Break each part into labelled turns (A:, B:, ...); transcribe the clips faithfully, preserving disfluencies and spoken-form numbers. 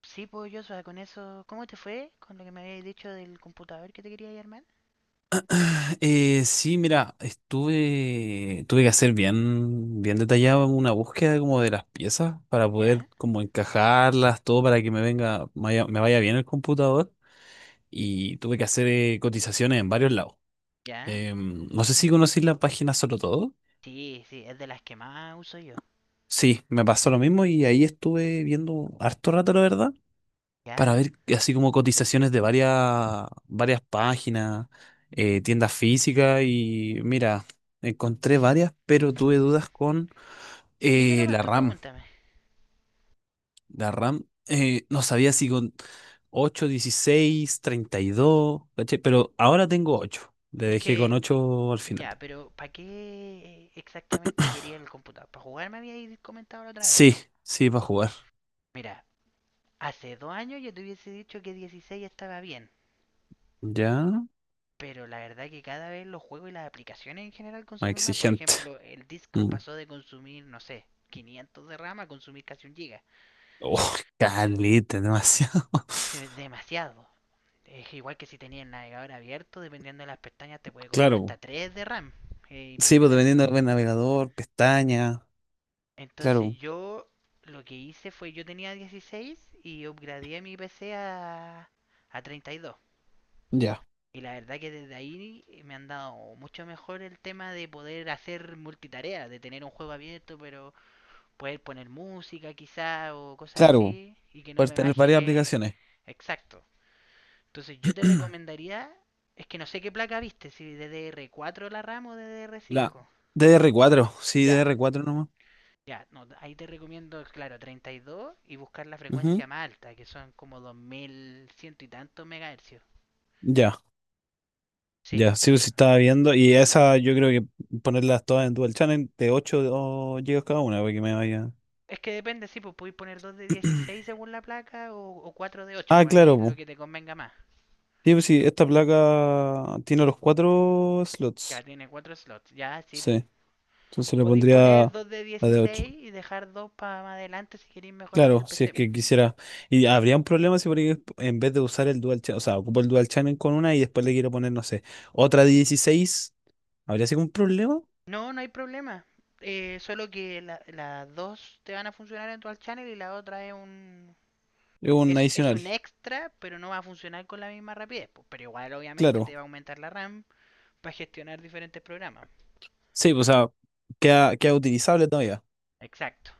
A: Sí, pues yo, o sea, con eso, ¿cómo te fue con lo que me habías dicho del computador que te quería armar?
B: Eh, sí, mira, estuve, tuve que hacer bien, bien detallado una búsqueda como de las piezas para poder
A: ¿Ya?
B: como encajarlas, todo para que me venga, vaya- me vaya bien el computador y tuve que hacer eh, cotizaciones en varios lados.
A: ¿Ya?
B: Em, no sé si conocís la página Solo Todo.
A: Sí, sí, es de las que más uso yo.
B: Sí, me pasó lo mismo y ahí estuve viendo harto rato, la verdad.
A: ¿Ya?
B: Para ver así como cotizaciones de varias, varias páginas, eh, tiendas físicas y mira, encontré varias, pero tuve dudas con
A: Dime
B: eh,
A: nomás
B: la
A: tú,
B: RAM.
A: pregúntame.
B: La RAM, eh, no sabía si con ocho, dieciséis, treinta y dos, ¿cachai? Pero ahora tengo ocho Le
A: Es
B: Dejé con
A: que,
B: ocho al final.
A: ya, pero ¿para qué exactamente quería el computador? ¿Para jugar me habías comentado la otra vez, o
B: Sí,
A: no?
B: sí, para jugar.
A: Mira, hace dos años yo te hubiese dicho que dieciséis estaba bien.
B: Ya,
A: Pero la verdad que cada vez los juegos y las aplicaciones en general
B: más
A: consumen más. Por
B: exigente.
A: ejemplo, el Discord
B: Mm.
A: pasó de consumir, no sé, quinientos de RAM a consumir casi un giga.
B: Oh, caleta, demasiado.
A: Es demasiado. Es igual que si tenías el navegador abierto, dependiendo de las pestañas, te puede comer
B: Claro,
A: hasta
B: po.
A: tres de RAM. Es
B: Sí, pues dependiendo
A: impresionante.
B: del navegador, pestaña.
A: Entonces
B: Claro,
A: yo lo que hice fue, yo tenía dieciséis y upgradeé mi P C a, a treinta y dos. Y dos.
B: ya.
A: Y la verdad que desde ahí me han dado mucho mejor el tema de poder hacer multitarea, de tener un juego abierto, pero poder poner música quizá o cosas
B: Claro,
A: así y que no
B: puedes
A: me
B: tener varias
A: baje,
B: aplicaciones.
A: exacto. Entonces yo te recomendaría, es que no sé qué placa viste, si D D R cuatro la RAM o
B: La
A: D D R cinco.
B: D D R cuatro, sí,
A: Ya,
B: D D R cuatro nomás.
A: ya, no, ahí te recomiendo, claro, treinta y dos y dos y buscar la
B: Ujú.
A: frecuencia más alta, que son como dos mil cien y tantos megahercios.
B: Ya,
A: Sí,
B: ya, sí, sí estaba viendo. Y esa yo creo que ponerlas todas en Dual Channel de ocho o gigabytes cada una para que me vaya.
A: es que depende, sí, pues podéis poner dos de dieciséis según la placa o, o cuatro de ocho,
B: Ah,
A: pues ahí
B: claro,
A: es lo
B: po.
A: que te convenga más.
B: Sí, pues sí, esta placa tiene los cuatro
A: Ya
B: slots.
A: tiene cuatro slots, ya, sí, pues.
B: Sí, entonces le
A: Podéis poner
B: pondría
A: dos de
B: la de ocho.
A: dieciséis y dejar dos para más adelante si queréis mejorar el
B: Claro, si es
A: P C, pues.
B: que quisiera. Y habría un problema si por ahí en vez de usar el dual channel, o sea, ocupo el dual channel con una y después le quiero poner, no sé, otra de dieciséis. ¿Habría sido un problema?
A: No, no hay problema. Eh, solo que la- las dos te van a funcionar en Dual Channel y la otra es un,
B: Es Un
A: es, es
B: adicional,
A: un extra, pero no va a funcionar con la misma rapidez, po. Pero igual obviamente te
B: claro.
A: va a aumentar la RAM para gestionar diferentes programas.
B: Sí, pues, o sea, queda, queda utilizable todavía.
A: Exacto.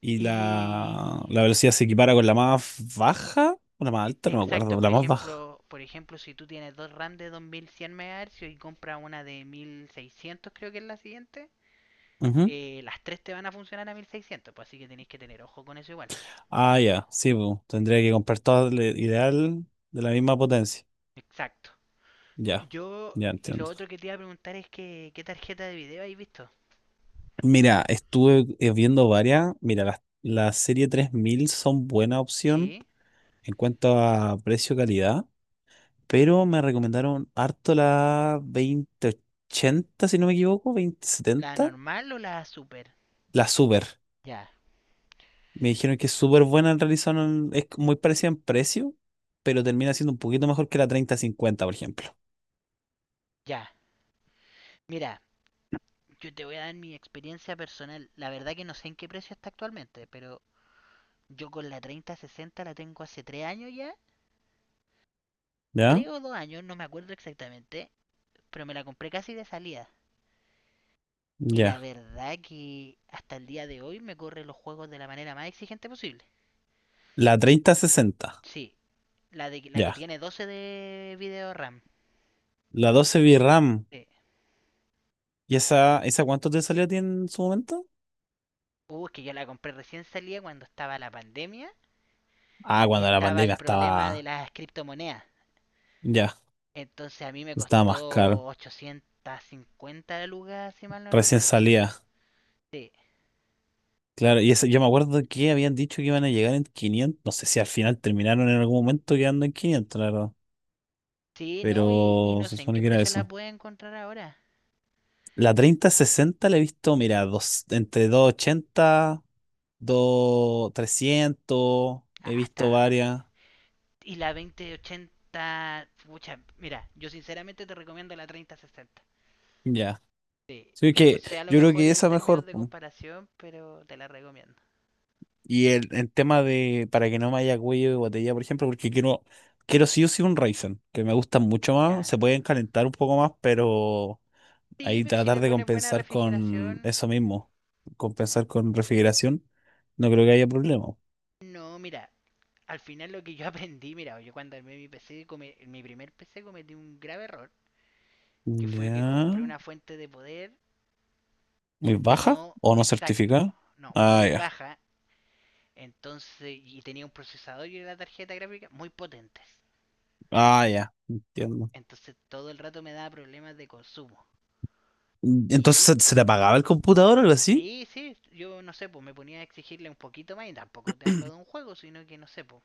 B: Y la, la
A: Y
B: velocidad se equipara con la más baja o la más
A: e-
B: alta, no me
A: exacto,
B: acuerdo,
A: por
B: la más
A: ejemplo,
B: baja.
A: por ejemplo, si tú tienes dos RAM de dos mil cien MHz y compras una de mil seiscientos, creo que es la siguiente,
B: Ujú.
A: eh, las tres te van a funcionar a mil seiscientos, pues así que tenéis que tener ojo con eso igual.
B: Ah, ya, sí, pues, tendría que comprar todas, le- ideal de la misma potencia.
A: Exacto.
B: Ya,
A: Yo,
B: ya
A: y lo
B: entiendo.
A: otro que te iba a preguntar es que, ¿qué tarjeta de video habéis visto?
B: Mira, estuve eh, viendo varias. Mira, las, la serie tres mil son buena opción
A: ¿Sí?
B: en cuanto a precio-calidad, pero me recomendaron harto la veinte ochenta, si no me equivoco, veinte
A: ¿La
B: setenta,
A: normal o la super?
B: la Super.
A: Ya,
B: Me dijeron que es súper buena, en realidad son- es muy parecida en precio, pero termina siendo un poquito mejor que la treinta cincuenta, por ejemplo.
A: ya. Mira, yo te voy a dar mi experiencia personal. La verdad que no sé en qué precio está actualmente, pero yo con la treinta sesenta la tengo hace tres años ya.
B: ¿Ya?
A: Tres o dos años, no me acuerdo exactamente, pero me la compré casi de salida. Y la
B: Ya.
A: verdad que hasta el día de hoy me corre los juegos de la manera más exigente posible.
B: La treinta sesenta,
A: Sí, la, de, la que
B: ya.
A: tiene doce de video RAM.
B: La doce VRAM.
A: Sí.
B: ¿Y esa, esa cuánto te salió a ti en su momento?
A: Uh, que yo la compré recién salía cuando estaba la pandemia
B: Ah,
A: y
B: cuando la
A: estaba el
B: pandemia
A: problema de
B: estaba
A: las criptomonedas.
B: Ya,
A: Entonces a mí me
B: estaba más
A: costó
B: caro.
A: ochocientas cincuenta lucas, si mal no
B: Recién
A: recuerdo.
B: salía.
A: Sí,
B: Claro, y ese- yo me acuerdo que habían dicho que iban a llegar en quinientos. No sé si al final terminaron en algún momento quedando en quinientos, la verdad.
A: sí, no, y, y
B: Pero
A: no
B: se
A: sé en
B: supone
A: qué
B: que era
A: precio la
B: eso.
A: puede encontrar ahora.
B: La treinta sesenta la he visto, mira, dos, entre doscientos ochenta dos trescientos. He
A: Ah,
B: visto
A: está.
B: varias.
A: Y la veinte ochenta, pucha, mira, yo sinceramente te recomiendo la treinta sesenta.
B: Ya.
A: Sí,
B: Sí,
A: yo no
B: que
A: sé, a lo
B: yo creo
A: mejor
B: que
A: en
B: esa
A: términos
B: mejor.
A: de comparación, pero te la recomiendo.
B: Y el, el tema de para que no me haya cuello de botella, por ejemplo, porque quiero, quiero sí o sí un Ryzen, que me gustan mucho más,
A: Ya.
B: se pueden calentar un poco más, pero
A: Sí,
B: ahí
A: pero si
B: tratar
A: le
B: de
A: pones buena
B: compensar con
A: refrigeración,
B: eso mismo, compensar con refrigeración, no creo que haya problema.
A: no, mira, al final lo que yo aprendí, mira, yo cuando armé mi P C, come- mi primer P C cometí un grave error, que fue que compré
B: Ya.
A: una fuente de poder
B: ¿Muy
A: que no,
B: baja o no
A: exacto,
B: certificada?
A: no,
B: Ah,
A: muy
B: ya.
A: baja, entonces, y tenía un procesador y una tarjeta gráfica muy potentes.
B: Ah, ya. Entiendo.
A: Entonces todo el rato me daba problemas de consumo.
B: Entonces,
A: Y,
B: ¿se, se te apagaba el computador o algo así?
A: y sí, yo no sé, pues me ponía a exigirle un poquito más, y tampoco te hablo de un juego, sino que no sé, pues,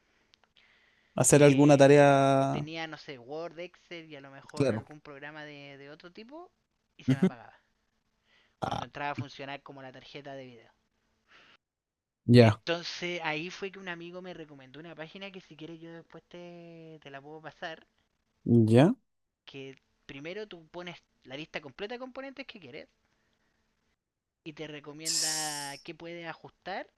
B: ¿Hacer alguna
A: eh,
B: tarea?
A: tenía, no sé, Word, Excel y a lo mejor
B: Claro.
A: algún programa de, de otro tipo y se me
B: Ujú.
A: apagaba.
B: Ah,
A: Cuando entraba a funcionar como la tarjeta de video.
B: ya.
A: Entonces ahí fue que un amigo me recomendó una página que si quieres yo después te, te la puedo pasar,
B: Ya.
A: que primero tú pones la lista completa de componentes que quieres y te recomienda qué puedes ajustar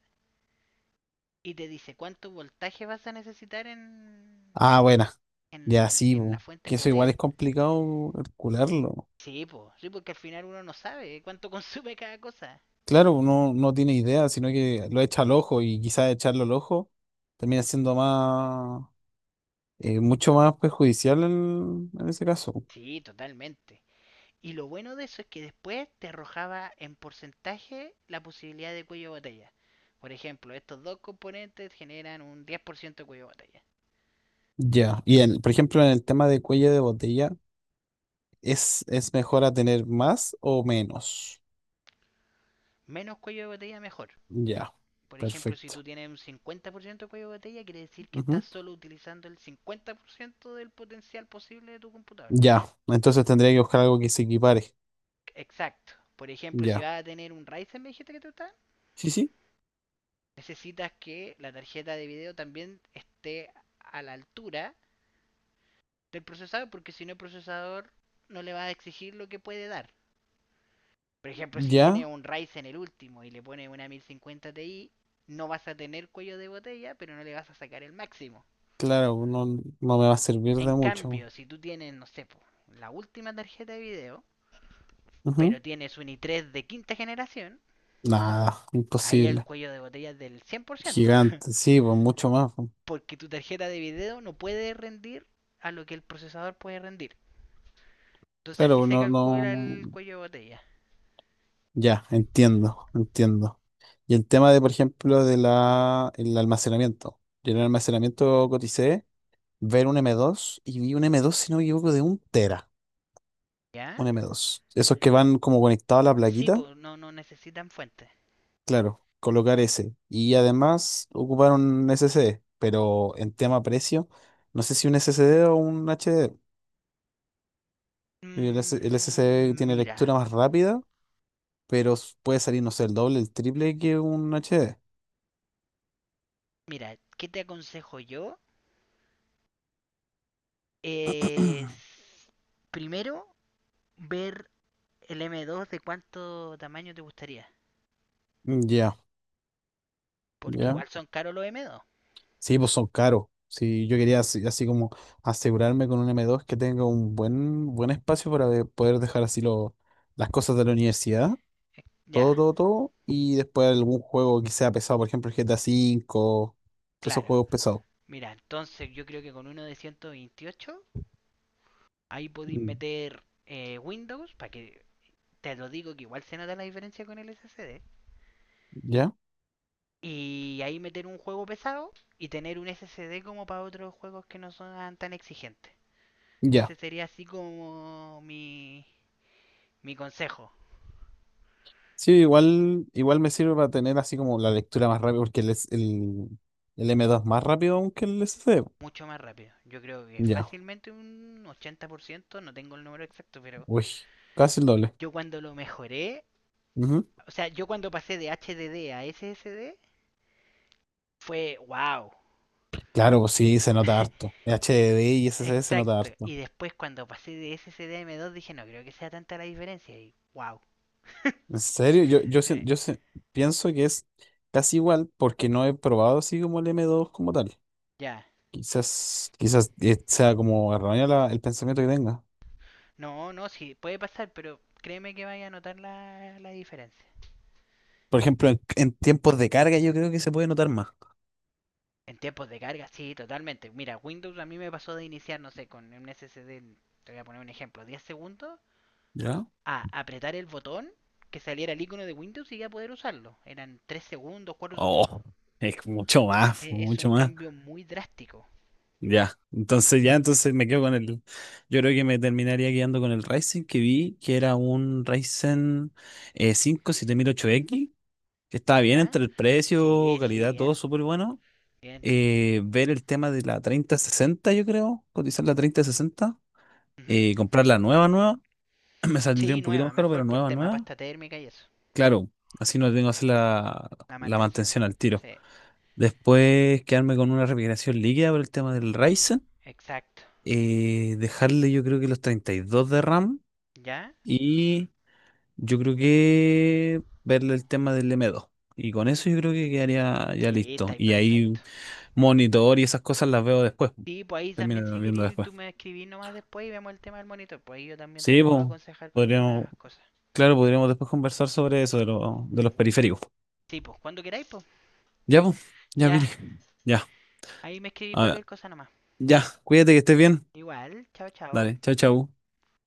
A: y te dice cuánto voltaje vas a necesitar en,
B: Ah, buena.
A: en,
B: Ya
A: en-
B: sí,
A: en la
B: bu.
A: fuente
B: Que eso igual
A: poder.
B: es complicado calcularlo.
A: Sí, po, sí, porque al final uno no sabe cuánto consume cada cosa.
B: Claro, uno no tiene idea, sino que lo echa al ojo y quizás echarlo al ojo termina siendo más, eh, mucho más perjudicial en, en ese caso.
A: Sí, totalmente. Y lo bueno de eso es que después te arrojaba en porcentaje la posibilidad de cuello de botella. Por ejemplo, estos dos componentes generan un diez por ciento de cuello de botella.
B: Ya. Y en, por ejemplo, en el tema de cuello de botella, ¿es, es mejor a tener más o menos?
A: Menos cuello de botella, mejor.
B: Ya.
A: Por ejemplo, si
B: Perfecto.
A: tú tienes un cincuenta por ciento de cuello de botella, quiere decir que
B: Ujú.
A: estás solo utilizando el cincuenta por ciento del potencial posible de tu computador.
B: Ya. Entonces tendría que buscar algo que se equipare.
A: Exacto. Por ejemplo, si
B: Ya.
A: vas a tener un Ryzen, me dijiste que te gusta,
B: Sí, sí.
A: necesitas que la tarjeta de video también esté a la altura del procesador, porque si no el procesador no le va a exigir lo que puede dar. Por ejemplo, si tiene
B: Ya.
A: un Ryzen el último y le pone una mil cincuenta Ti, no vas a tener cuello de botella, pero no le vas a sacar el máximo.
B: Claro, no, no me va a servir
A: En
B: de mucho.
A: cambio, si tú tienes, no sé, po, la última tarjeta de video,
B: Ujú.
A: pero tienes un i tres de quinta generación,
B: Nada,
A: ahí el
B: imposible.
A: cuello de botella es del cien por ciento,
B: Gigante, sí, pues mucho más. pues.
A: porque tu tarjeta de video no puede rendir a lo que el procesador puede rendir. Entonces
B: Claro,
A: así
B: pues,
A: se
B: no,
A: calcula
B: no.
A: el cuello de botella,
B: Ya, entiendo, entiendo. Y el tema de, por ejemplo, de la, el almacenamiento. Yo en el almacenamiento coticé ver un m dos y vi un m dos, si no me equivoco, de un tera.
A: ¿ya?
B: Un m dos. Esos que van como conectados a la
A: Sí,
B: plaquita,
A: pues no, no necesitan fuentes.
B: claro, colocar ese. Y además ocupar un s s d, pero en tema precio, no sé si un s s d o un H D. Y El, S el S SSD
A: Mm,
B: tiene
A: mira,
B: lectura más rápida, pero s- puede salir, no sé, el doble, el triple que un H D.
A: mira, ¿qué te aconsejo yo? Es primero ver el M dos de cuánto tamaño te gustaría.
B: Mm, ya,
A: Porque
B: ya.
A: igual son caros los M dos.
B: Sí, pues son caros. Si yo quería así, así como asegurarme con un m dos que tenga un buen, buen espacio para de- poder dejar así lo, las cosas de la universidad,
A: Eh, Ya,
B: todo, todo, todo, y después algún juego que sea pesado, por ejemplo el G T A cinco. Todos esos
A: claro.
B: juegos pesados.
A: Mira, entonces yo creo que con uno de ciento veintiocho ahí podéis
B: Mm.
A: meter eh, Windows, para que te lo digo que igual se nota la diferencia con el S S D.
B: ¿Ya?
A: Y ahí meter un juego pesado y tener un S S D como para otros juegos que no son tan exigentes. Ese
B: Ya.
A: sería así como mi, mi consejo.
B: Sí, igual, igual me sirve para tener así como la lectura más rápida, porque el, S- el, el m dos es más rápido aún que el S d.
A: Mucho más rápido. Yo creo que
B: Ya,
A: fácilmente un ochenta por ciento, no tengo el número exacto, pero
B: uy, casi el doble.
A: yo cuando lo mejoré,
B: Ujú.
A: o sea, yo cuando pasé de H D D a S S D, fue wow.
B: Claro, pues sí, se nota harto. H D D y S S D se nota
A: Exacto.
B: harto.
A: Y después cuando pasé de S S D a M dos dije, no creo que sea tanta la diferencia. Y wow.
B: En serio, yo, yo, sien- yo se- pienso que es casi igual porque no he probado así como el m dos como tal.
A: Ya.
B: Quizás, quizás eh, sea como erróneo la- el pensamiento que tenga.
A: No, no, sí, puede pasar, pero créeme que vaya a notar la, la diferencia.
B: Por ejemplo, en, en tiempos de carga yo creo que se puede notar más.
A: En tiempos de carga, sí, totalmente. Mira, Windows a mí me pasó de iniciar, no sé, con un S S D, te voy a poner un ejemplo, diez segundos,
B: ¿Ya?
A: a apretar el botón que saliera el icono de Windows y ya poder usarlo. Eran tres segundos, cuatro segundos.
B: Oh, es mucho más,
A: E- Es un
B: mucho más.
A: cambio muy drástico.
B: Ya, entonces ya, entonces me quedo con el. Yo creo que me terminaría quedando con el Ryzen que vi, que era un Ryzen eh, cinco siete mil ocho x, que estaba bien
A: ¿Ya?
B: entre el precio,
A: Sí, sí,
B: calidad, todo
A: bien,
B: súper bueno.
A: bien.
B: Eh, ver el tema de la treinta sesenta yo creo, cotizar la treinta sesenta,
A: Ujú.
B: eh, comprar la nueva, nueva, me saldría
A: Sí,
B: un poquito
A: nueva,
B: más caro,
A: mejor
B: pero
A: por
B: nueva,
A: tema
B: nueva.
A: pasta térmica y eso.
B: Claro, así no tengo que hacer la,
A: La
B: la
A: mantención.
B: mantención al tiro.
A: Sí,
B: Después quedarme con una refrigeración líquida por el tema del Ryzen.
A: exacto.
B: Eh, dejarle yo creo que los treinta y dos de RAM
A: ¿Ya?
B: y yo creo que verle el tema del m dos. Y con eso yo creo que quedaría ya
A: Sí,
B: listo.
A: está ahí
B: Y ahí
A: perfecto.
B: monitor y esas cosas las veo después.
A: Sí, pues ahí también
B: Termino
A: si
B: viendo
A: querís,
B: después.
A: tú me escribís nomás después y vemos el tema del monitor. Pues ahí yo también te
B: Sí,
A: puedo
B: pues,
A: aconsejar con
B: podríamos,
A: algunas cosas.
B: claro, podríamos después conversar sobre eso de, lo- de los periféricos.
A: Sí, pues cuando queráis, pues
B: Ya, pues, ya,
A: ya.
B: Viri. Ya,
A: Ahí me escribís
B: a ver,
A: cualquier cosa nomás.
B: ya, cuídate que estés bien.
A: Igual, chao, chao.
B: Dale, chao, chao.